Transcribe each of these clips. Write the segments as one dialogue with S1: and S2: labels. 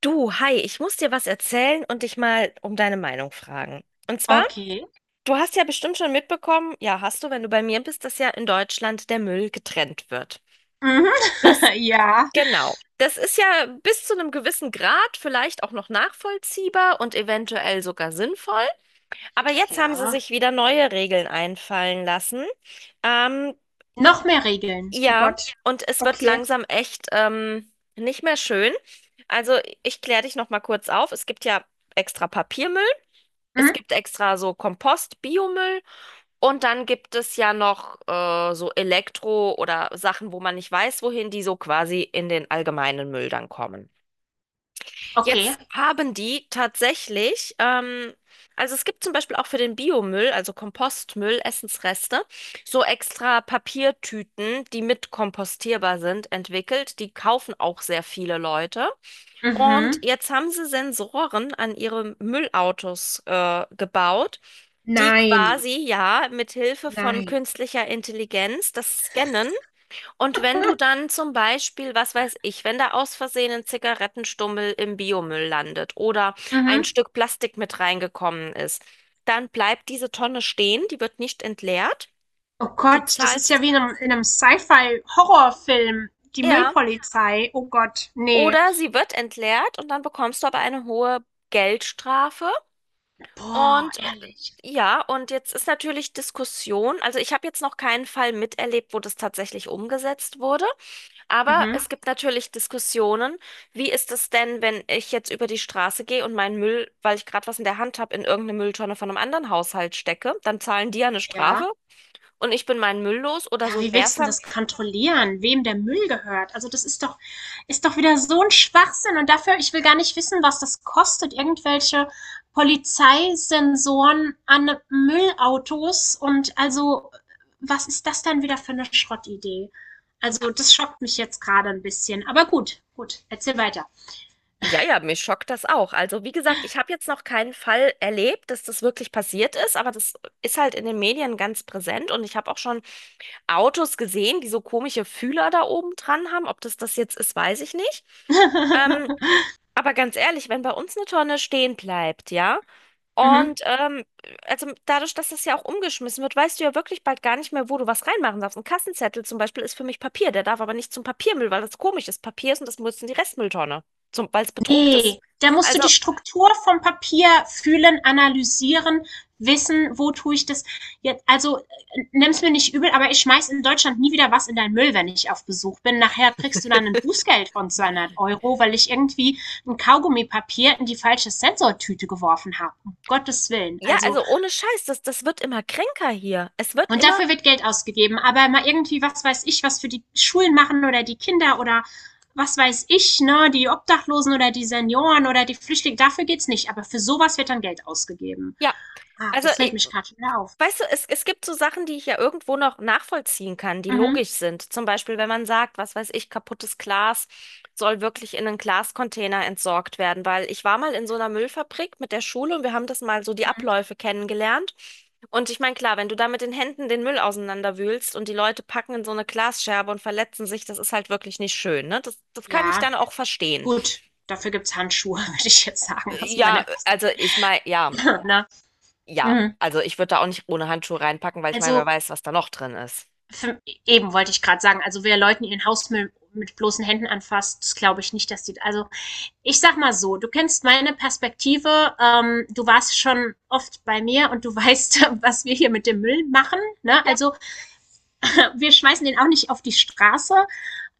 S1: Du, hi, ich muss dir was erzählen und dich mal um deine Meinung fragen. Und zwar,
S2: Okay.
S1: du hast ja bestimmt schon mitbekommen, ja, hast du, wenn du bei mir bist, dass ja in Deutschland der Müll getrennt wird.
S2: Mhm.
S1: Das,
S2: Ja.
S1: genau. Das ist ja bis zu einem gewissen Grad vielleicht auch noch nachvollziehbar und eventuell sogar sinnvoll. Aber jetzt haben sie
S2: Ja.
S1: sich wieder neue Regeln einfallen lassen. Ähm,
S2: Noch mehr Regeln. Oh
S1: ja,
S2: Gott.
S1: und es wird
S2: Okay.
S1: langsam echt nicht mehr schön. Also ich kläre dich noch mal kurz auf. Es gibt ja extra Papiermüll. Es
S2: Mhm.
S1: gibt extra so Kompost, Biomüll und dann gibt es ja noch so Elektro oder Sachen, wo man nicht weiß, wohin, die so quasi in den allgemeinen Müll dann kommen.
S2: Okay.
S1: Jetzt haben die tatsächlich, also es gibt zum Beispiel auch für den Biomüll, also Kompostmüll, Essensreste, so extra Papiertüten, die mit kompostierbar sind, entwickelt. Die kaufen auch sehr viele Leute. Und
S2: Mhm.
S1: jetzt haben sie Sensoren an ihre Müllautos gebaut, die
S2: Nein.
S1: quasi ja mit Hilfe von
S2: Nein.
S1: künstlicher Intelligenz das scannen. Und wenn du dann zum Beispiel, was weiß ich, wenn da aus Versehen ein Zigarettenstummel im Biomüll landet oder ein
S2: Mhm.
S1: Stück Plastik mit reingekommen ist, dann bleibt diese Tonne stehen, die wird nicht entleert.
S2: Oh
S1: Du
S2: Gott, das ist ja
S1: zahlst,
S2: wie in einem Sci-Fi-Horrorfilm. Die
S1: ja,
S2: Müllpolizei. Oh Gott, nee.
S1: oder sie wird entleert und dann bekommst du aber eine hohe Geldstrafe.
S2: Boah,
S1: Und äh,
S2: ehrlich.
S1: ja, und jetzt ist natürlich Diskussion. Also ich habe jetzt noch keinen Fall miterlebt, wo das tatsächlich umgesetzt wurde. Aber
S2: Mhm.
S1: es gibt natürlich Diskussionen. Wie ist es denn, wenn ich jetzt über die Straße gehe und meinen Müll, weil ich gerade was in der Hand habe, in irgendeine Mülltonne von einem anderen Haushalt stecke? Dann zahlen die ja eine
S2: Ja.
S1: Strafe und ich bin meinen Müll los oder
S2: Ja,
S1: so ein
S2: wie willst du denn
S1: Mehrver.
S2: das kontrollieren, wem der Müll gehört? Also ist doch wieder so ein Schwachsinn. Und dafür, ich will gar nicht wissen, was das kostet, irgendwelche Polizeisensoren an Müllautos. Und also, was ist das dann wieder für eine Schrottidee? Also das schockt mich jetzt gerade ein bisschen. Aber gut, erzähl weiter.
S1: Ja, ja, mich schockt das auch. Also, wie gesagt, ich habe jetzt noch keinen Fall erlebt, dass das wirklich passiert ist, aber das ist halt in den Medien ganz präsent und ich habe auch schon Autos gesehen, die so komische Fühler da oben dran haben. Ob das jetzt ist, weiß ich nicht. Ähm, aber ganz ehrlich, wenn bei uns eine Tonne stehen bleibt, ja,
S2: Mhm.
S1: und also dadurch, dass das ja auch umgeschmissen wird, weißt du ja wirklich bald gar nicht mehr, wo du was reinmachen darfst. Ein Kassenzettel zum Beispiel ist für mich Papier, der darf aber nicht zum Papiermüll, weil das komisch ist. Papier ist und das muss in die Restmülltonne, zum, weil es bedruckt ist.
S2: Ne, da musst du
S1: Also,
S2: die Struktur vom Papier fühlen, analysieren, wissen, wo tue ich das jetzt. Also nimm's mir nicht übel, aber ich schmeiß in Deutschland nie wieder was in deinen Müll, wenn ich auf Besuch bin. Nachher kriegst du dann ein Bußgeld von 200 Euro, weil ich irgendwie ein Kaugummipapier in die falsche Sensortüte geworfen habe. Um Gottes Willen.
S1: ja,
S2: Also
S1: also ohne Scheiß, das wird immer kränker hier. Es wird
S2: und
S1: immer,
S2: dafür wird Geld ausgegeben. Aber mal irgendwie, was weiß ich, was für die Schulen machen oder die Kinder oder was weiß ich, ne, die Obdachlosen oder die Senioren oder die Flüchtlinge, dafür geht's nicht. Aber für sowas wird dann Geld ausgegeben.
S1: ja,
S2: Ah,
S1: also
S2: das fällt
S1: i-
S2: mich gerade wieder auf.
S1: weißt du, es gibt so Sachen, die ich ja irgendwo noch nachvollziehen kann, die
S2: Mhm.
S1: logisch sind. Zum Beispiel, wenn man sagt, was weiß ich, kaputtes Glas soll wirklich in einen Glascontainer entsorgt werden, weil ich war mal in so einer Müllfabrik mit der Schule und wir haben das mal so die
S2: Mhm.
S1: Abläufe kennengelernt. Und ich meine, klar, wenn du da mit den Händen den Müll auseinanderwühlst und die Leute packen in so eine Glasscherbe und verletzen sich, das ist halt wirklich nicht schön, ne? Das kann ich
S2: Ja,
S1: dann auch verstehen.
S2: gut. Dafür gibt's Handschuhe, würde ich jetzt sagen. Das ist
S1: Ja,
S2: meine
S1: also ich meine, ja,
S2: beste. Ne?
S1: ja.
S2: Mhm.
S1: Also ich würde da auch nicht ohne Handschuhe reinpacken, weil ich meine, wer
S2: Also,
S1: weiß, was da noch drin ist.
S2: für, eben wollte ich gerade sagen, also wer Leuten ihren Hausmüll mit bloßen Händen anfasst, das glaube ich nicht, dass die, also ich sag mal so, du kennst meine Perspektive, du warst schon oft bei mir und du weißt, was wir hier mit dem Müll machen. Ne?
S1: Ja,
S2: Also wir schmeißen den auch nicht auf die Straße,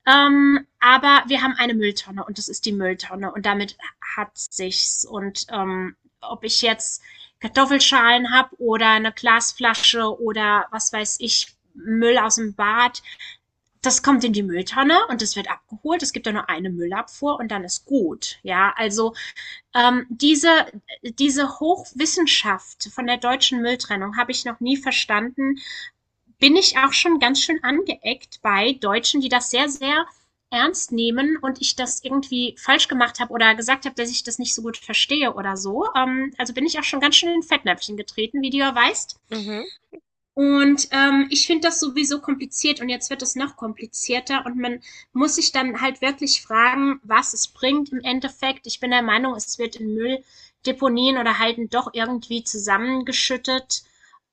S2: aber wir haben eine Mülltonne und das ist die Mülltonne und damit hat sich's. Und ob ich jetzt Kartoffelschalen habe oder eine Glasflasche oder was weiß ich, Müll aus dem Bad, das kommt in die Mülltonne und das wird abgeholt. Es gibt ja nur eine Müllabfuhr und dann ist gut. Ja, also ähm, diese, diese Hochwissenschaft von der deutschen Mülltrennung habe ich noch nie verstanden. Bin ich auch schon ganz schön angeeckt bei Deutschen, die das sehr ernst nehmen und ich das irgendwie falsch gemacht habe oder gesagt habe, dass ich das nicht so gut verstehe oder so. Also bin ich auch schon ganz schön in Fettnäpfchen getreten, wie du ja weißt.
S1: mhm.
S2: Und, ich finde das sowieso kompliziert und jetzt wird es noch komplizierter und man muss sich dann halt wirklich fragen, was es bringt im Endeffekt. Ich bin der Meinung, es wird in Mülldeponien oder Halden doch irgendwie zusammengeschüttet,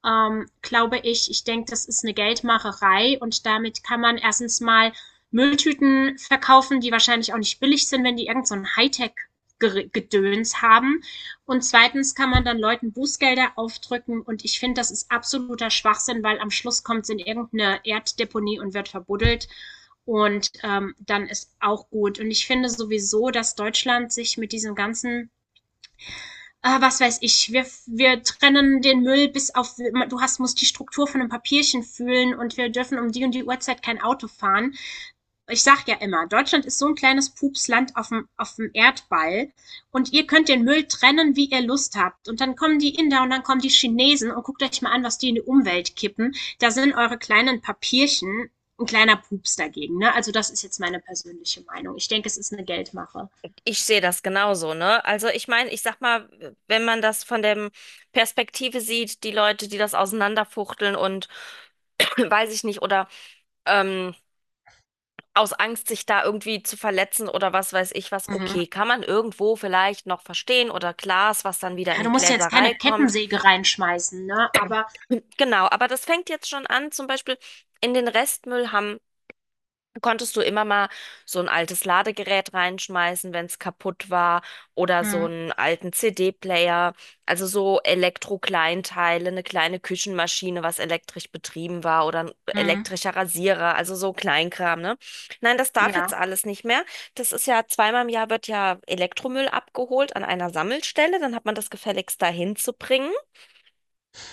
S2: glaube ich. Ich denke, das ist eine Geldmacherei und damit kann man erstens mal Mülltüten verkaufen, die wahrscheinlich auch nicht billig sind, wenn die irgend so ein Hightech-Gedöns haben. Und zweitens kann man dann Leuten Bußgelder aufdrücken und ich finde, das ist absoluter Schwachsinn, weil am Schluss kommt es in irgendeine Erddeponie und wird verbuddelt und dann ist auch gut. Und ich finde sowieso, dass Deutschland sich mit diesem ganzen was weiß ich, wir trennen den Müll bis auf, du hast, musst die Struktur von einem Papierchen fühlen und wir dürfen um die und die Uhrzeit kein Auto fahren. Ich sag ja immer, Deutschland ist so ein kleines Pupsland auf auf dem Erdball und ihr könnt den Müll trennen, wie ihr Lust habt. Und dann kommen die Inder und dann kommen die Chinesen und guckt euch mal an, was die in die Umwelt kippen. Da sind eure kleinen Papierchen ein kleiner Pups dagegen. Ne? Also das ist jetzt meine persönliche Meinung. Ich denke, es ist eine Geldmache.
S1: Ich sehe das genauso, ne? Also ich meine, ich sag mal, wenn man das von der Perspektive sieht, die Leute, die das auseinanderfuchteln und weiß ich nicht, oder ähm, aus Angst, sich da irgendwie zu verletzen oder was weiß ich was,
S2: Mhm.
S1: okay, kann man irgendwo vielleicht noch verstehen oder Glas, was dann wieder in
S2: Ja, du
S1: die
S2: musst ja jetzt
S1: Gläserei
S2: keine
S1: kommt.
S2: Kettensäge reinschmeißen, ne? Aber
S1: Genau, aber das fängt jetzt schon an, zum Beispiel in den Restmüll haben konntest du immer mal so ein altes Ladegerät reinschmeißen, wenn es kaputt war, oder so
S2: hm.
S1: einen alten CD-Player, also so Elektrokleinteile, eine kleine Küchenmaschine, was elektrisch betrieben war, oder ein
S2: Hm,
S1: elektrischer Rasierer, also so Kleinkram, ne? Nein, das darf
S2: ja.
S1: jetzt alles nicht mehr. Das ist ja zweimal im Jahr wird ja Elektromüll abgeholt an einer Sammelstelle, dann hat man das gefälligst dahin zu bringen.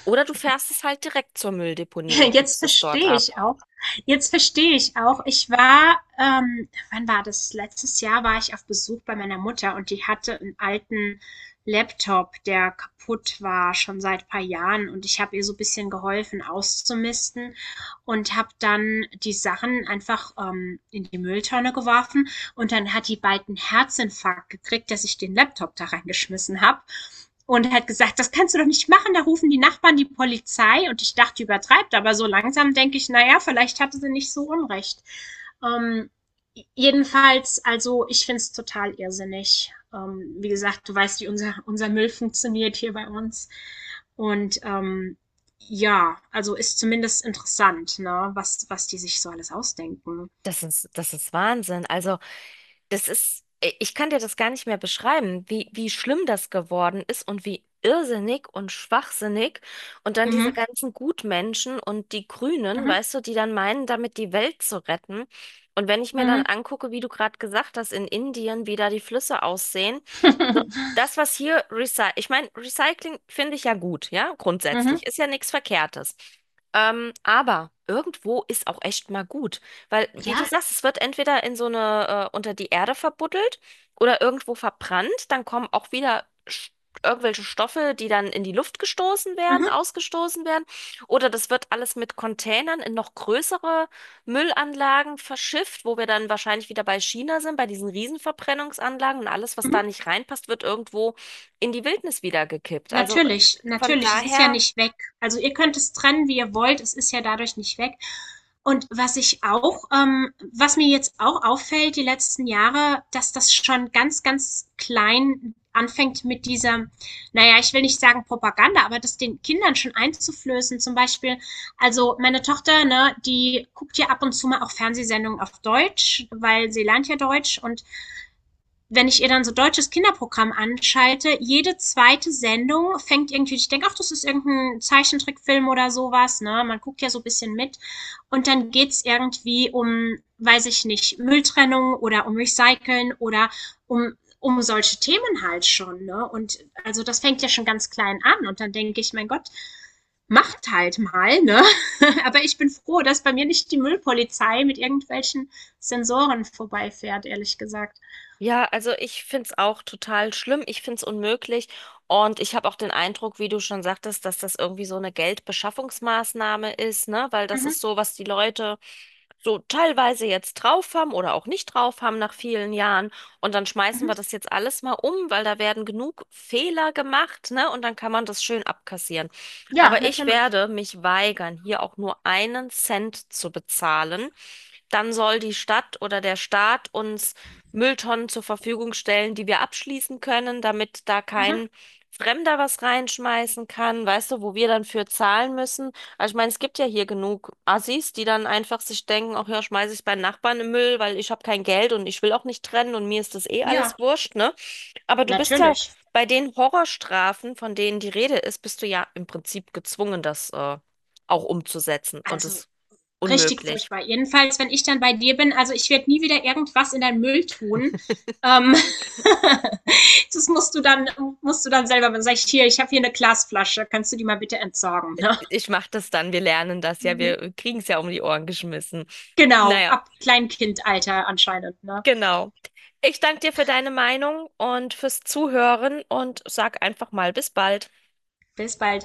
S1: Oder du fährst es halt direkt zur Mülldeponie und
S2: Jetzt
S1: gibst es dort
S2: verstehe
S1: ab.
S2: ich auch Jetzt verstehe ich auch. Ich war wann war das? Letztes Jahr war ich auf Besuch bei meiner Mutter und die hatte einen alten Laptop, der kaputt war, schon seit paar Jahren und ich habe ihr so ein bisschen geholfen auszumisten und habe dann die Sachen einfach, in die Mülltonne geworfen. Und dann hat die bald einen Herzinfarkt gekriegt, dass ich den Laptop da reingeschmissen habe. Und hat gesagt, das kannst du doch nicht machen, da rufen die Nachbarn die Polizei. Und ich dachte, übertreibt, aber so langsam denke ich, naja, vielleicht hatte sie nicht so Unrecht. Ähm, Jedenfalls, also ich finde es total irrsinnig. Wie gesagt, du weißt, wie unser Müll funktioniert hier bei uns. Und ja, also ist zumindest interessant, ne, was die sich so alles ausdenken.
S1: Das ist Wahnsinn. Also das ist, ich kann dir das gar nicht mehr beschreiben, wie schlimm das geworden ist und wie irrsinnig und schwachsinnig. Und dann diese
S2: Mhm.
S1: ganzen Gutmenschen und die Grünen,
S2: Mhm.
S1: weißt du, die dann meinen, damit die Welt zu retten. Und wenn ich mir dann
S2: Mhm.
S1: angucke, wie du gerade gesagt hast, in Indien, wie da die Flüsse aussehen, das, was hier recycelt, ich meine, Recycling finde ich ja gut, ja,
S2: Mhm.
S1: grundsätzlich, ist ja nichts Verkehrtes. Aber irgendwo ist auch echt mal gut, weil, wie du
S2: Ja.
S1: sagst, es wird entweder in so eine, unter die Erde verbuddelt oder irgendwo verbrannt, dann kommen auch wieder irgendwelche Stoffe, die dann in die Luft gestoßen werden,
S2: Mhm.
S1: ausgestoßen werden, oder das wird alles mit Containern in noch größere Müllanlagen verschifft, wo wir dann wahrscheinlich wieder bei China sind, bei diesen Riesenverbrennungsanlagen und alles, was da
S2: Mhm.
S1: nicht reinpasst, wird irgendwo in die Wildnis wieder gekippt. Also
S2: Natürlich,
S1: von
S2: natürlich. Es ist ja
S1: daher.
S2: nicht weg. Also ihr könnt es trennen, wie ihr wollt. Es ist ja dadurch nicht weg. Und was ich auch, was mir jetzt auch auffällt, die letzten Jahre, dass das schon ganz klein anfängt mit dieser, naja, ich will nicht sagen Propaganda, aber das den Kindern schon einzuflößen. Zum Beispiel, also meine Tochter, ne, die guckt ja ab und zu mal auch Fernsehsendungen auf Deutsch, weil sie lernt ja Deutsch und wenn ich ihr dann so deutsches Kinderprogramm anschalte, jede zweite Sendung fängt irgendwie, ich denke, ach, das ist irgendein Zeichentrickfilm oder sowas, ne? Man guckt ja so ein bisschen mit. Und dann geht's irgendwie um, weiß ich nicht, Mülltrennung oder um Recyceln oder um, um solche Themen halt schon, ne? Und also das fängt ja schon ganz klein an. Und dann denke ich, mein Gott, macht halt mal, ne? Aber ich bin froh, dass bei mir nicht die Müllpolizei mit irgendwelchen Sensoren vorbeifährt, ehrlich gesagt.
S1: Ja, also ich find's auch total schlimm, ich find's unmöglich und ich habe auch den Eindruck, wie du schon sagtest, dass das irgendwie so eine Geldbeschaffungsmaßnahme ist, ne? Weil das
S2: Mhm.
S1: ist so, was die Leute so teilweise jetzt drauf haben oder auch nicht drauf haben nach vielen Jahren und dann schmeißen
S2: Mhm.
S1: wir das jetzt alles mal um, weil da werden genug Fehler gemacht, ne? Und dann kann man das schön abkassieren.
S2: Ja,
S1: Aber ich
S2: natürlich.
S1: werde mich weigern, hier auch nur einen Cent zu bezahlen. Dann soll die Stadt oder der Staat uns Mülltonnen zur Verfügung stellen, die wir abschließen können, damit da
S2: Mhm.
S1: kein Fremder was reinschmeißen kann, weißt du, wo wir dann für zahlen müssen. Also ich meine, es gibt ja hier genug Assis, die dann einfach sich denken, ach ja, schmeiße ich beim Nachbarn im Müll, weil ich habe kein Geld und ich will auch nicht trennen und mir ist das eh
S2: Ja,
S1: alles wurscht, ne? Aber du bist ja
S2: natürlich.
S1: bei den Horrorstrafen, von denen die Rede ist, bist du ja im Prinzip gezwungen, das auch umzusetzen und
S2: Also
S1: es
S2: richtig
S1: unmöglich.
S2: furchtbar. Jedenfalls, wenn ich dann bei dir bin, also ich werde nie wieder irgendwas in deinen Müll tun. Ähm, das musst du dann selber, wenn sag ich hier, ich habe hier eine Glasflasche, kannst du die mal bitte entsorgen, ne?
S1: Ich mache das dann. Wir lernen das ja.
S2: Mhm.
S1: Wir kriegen es ja um die Ohren geschmissen.
S2: Genau,
S1: Naja,
S2: ab Kleinkindalter anscheinend, ne?
S1: genau. Ich danke dir für deine Meinung und fürs Zuhören und sag einfach mal bis bald.
S2: Bis bald.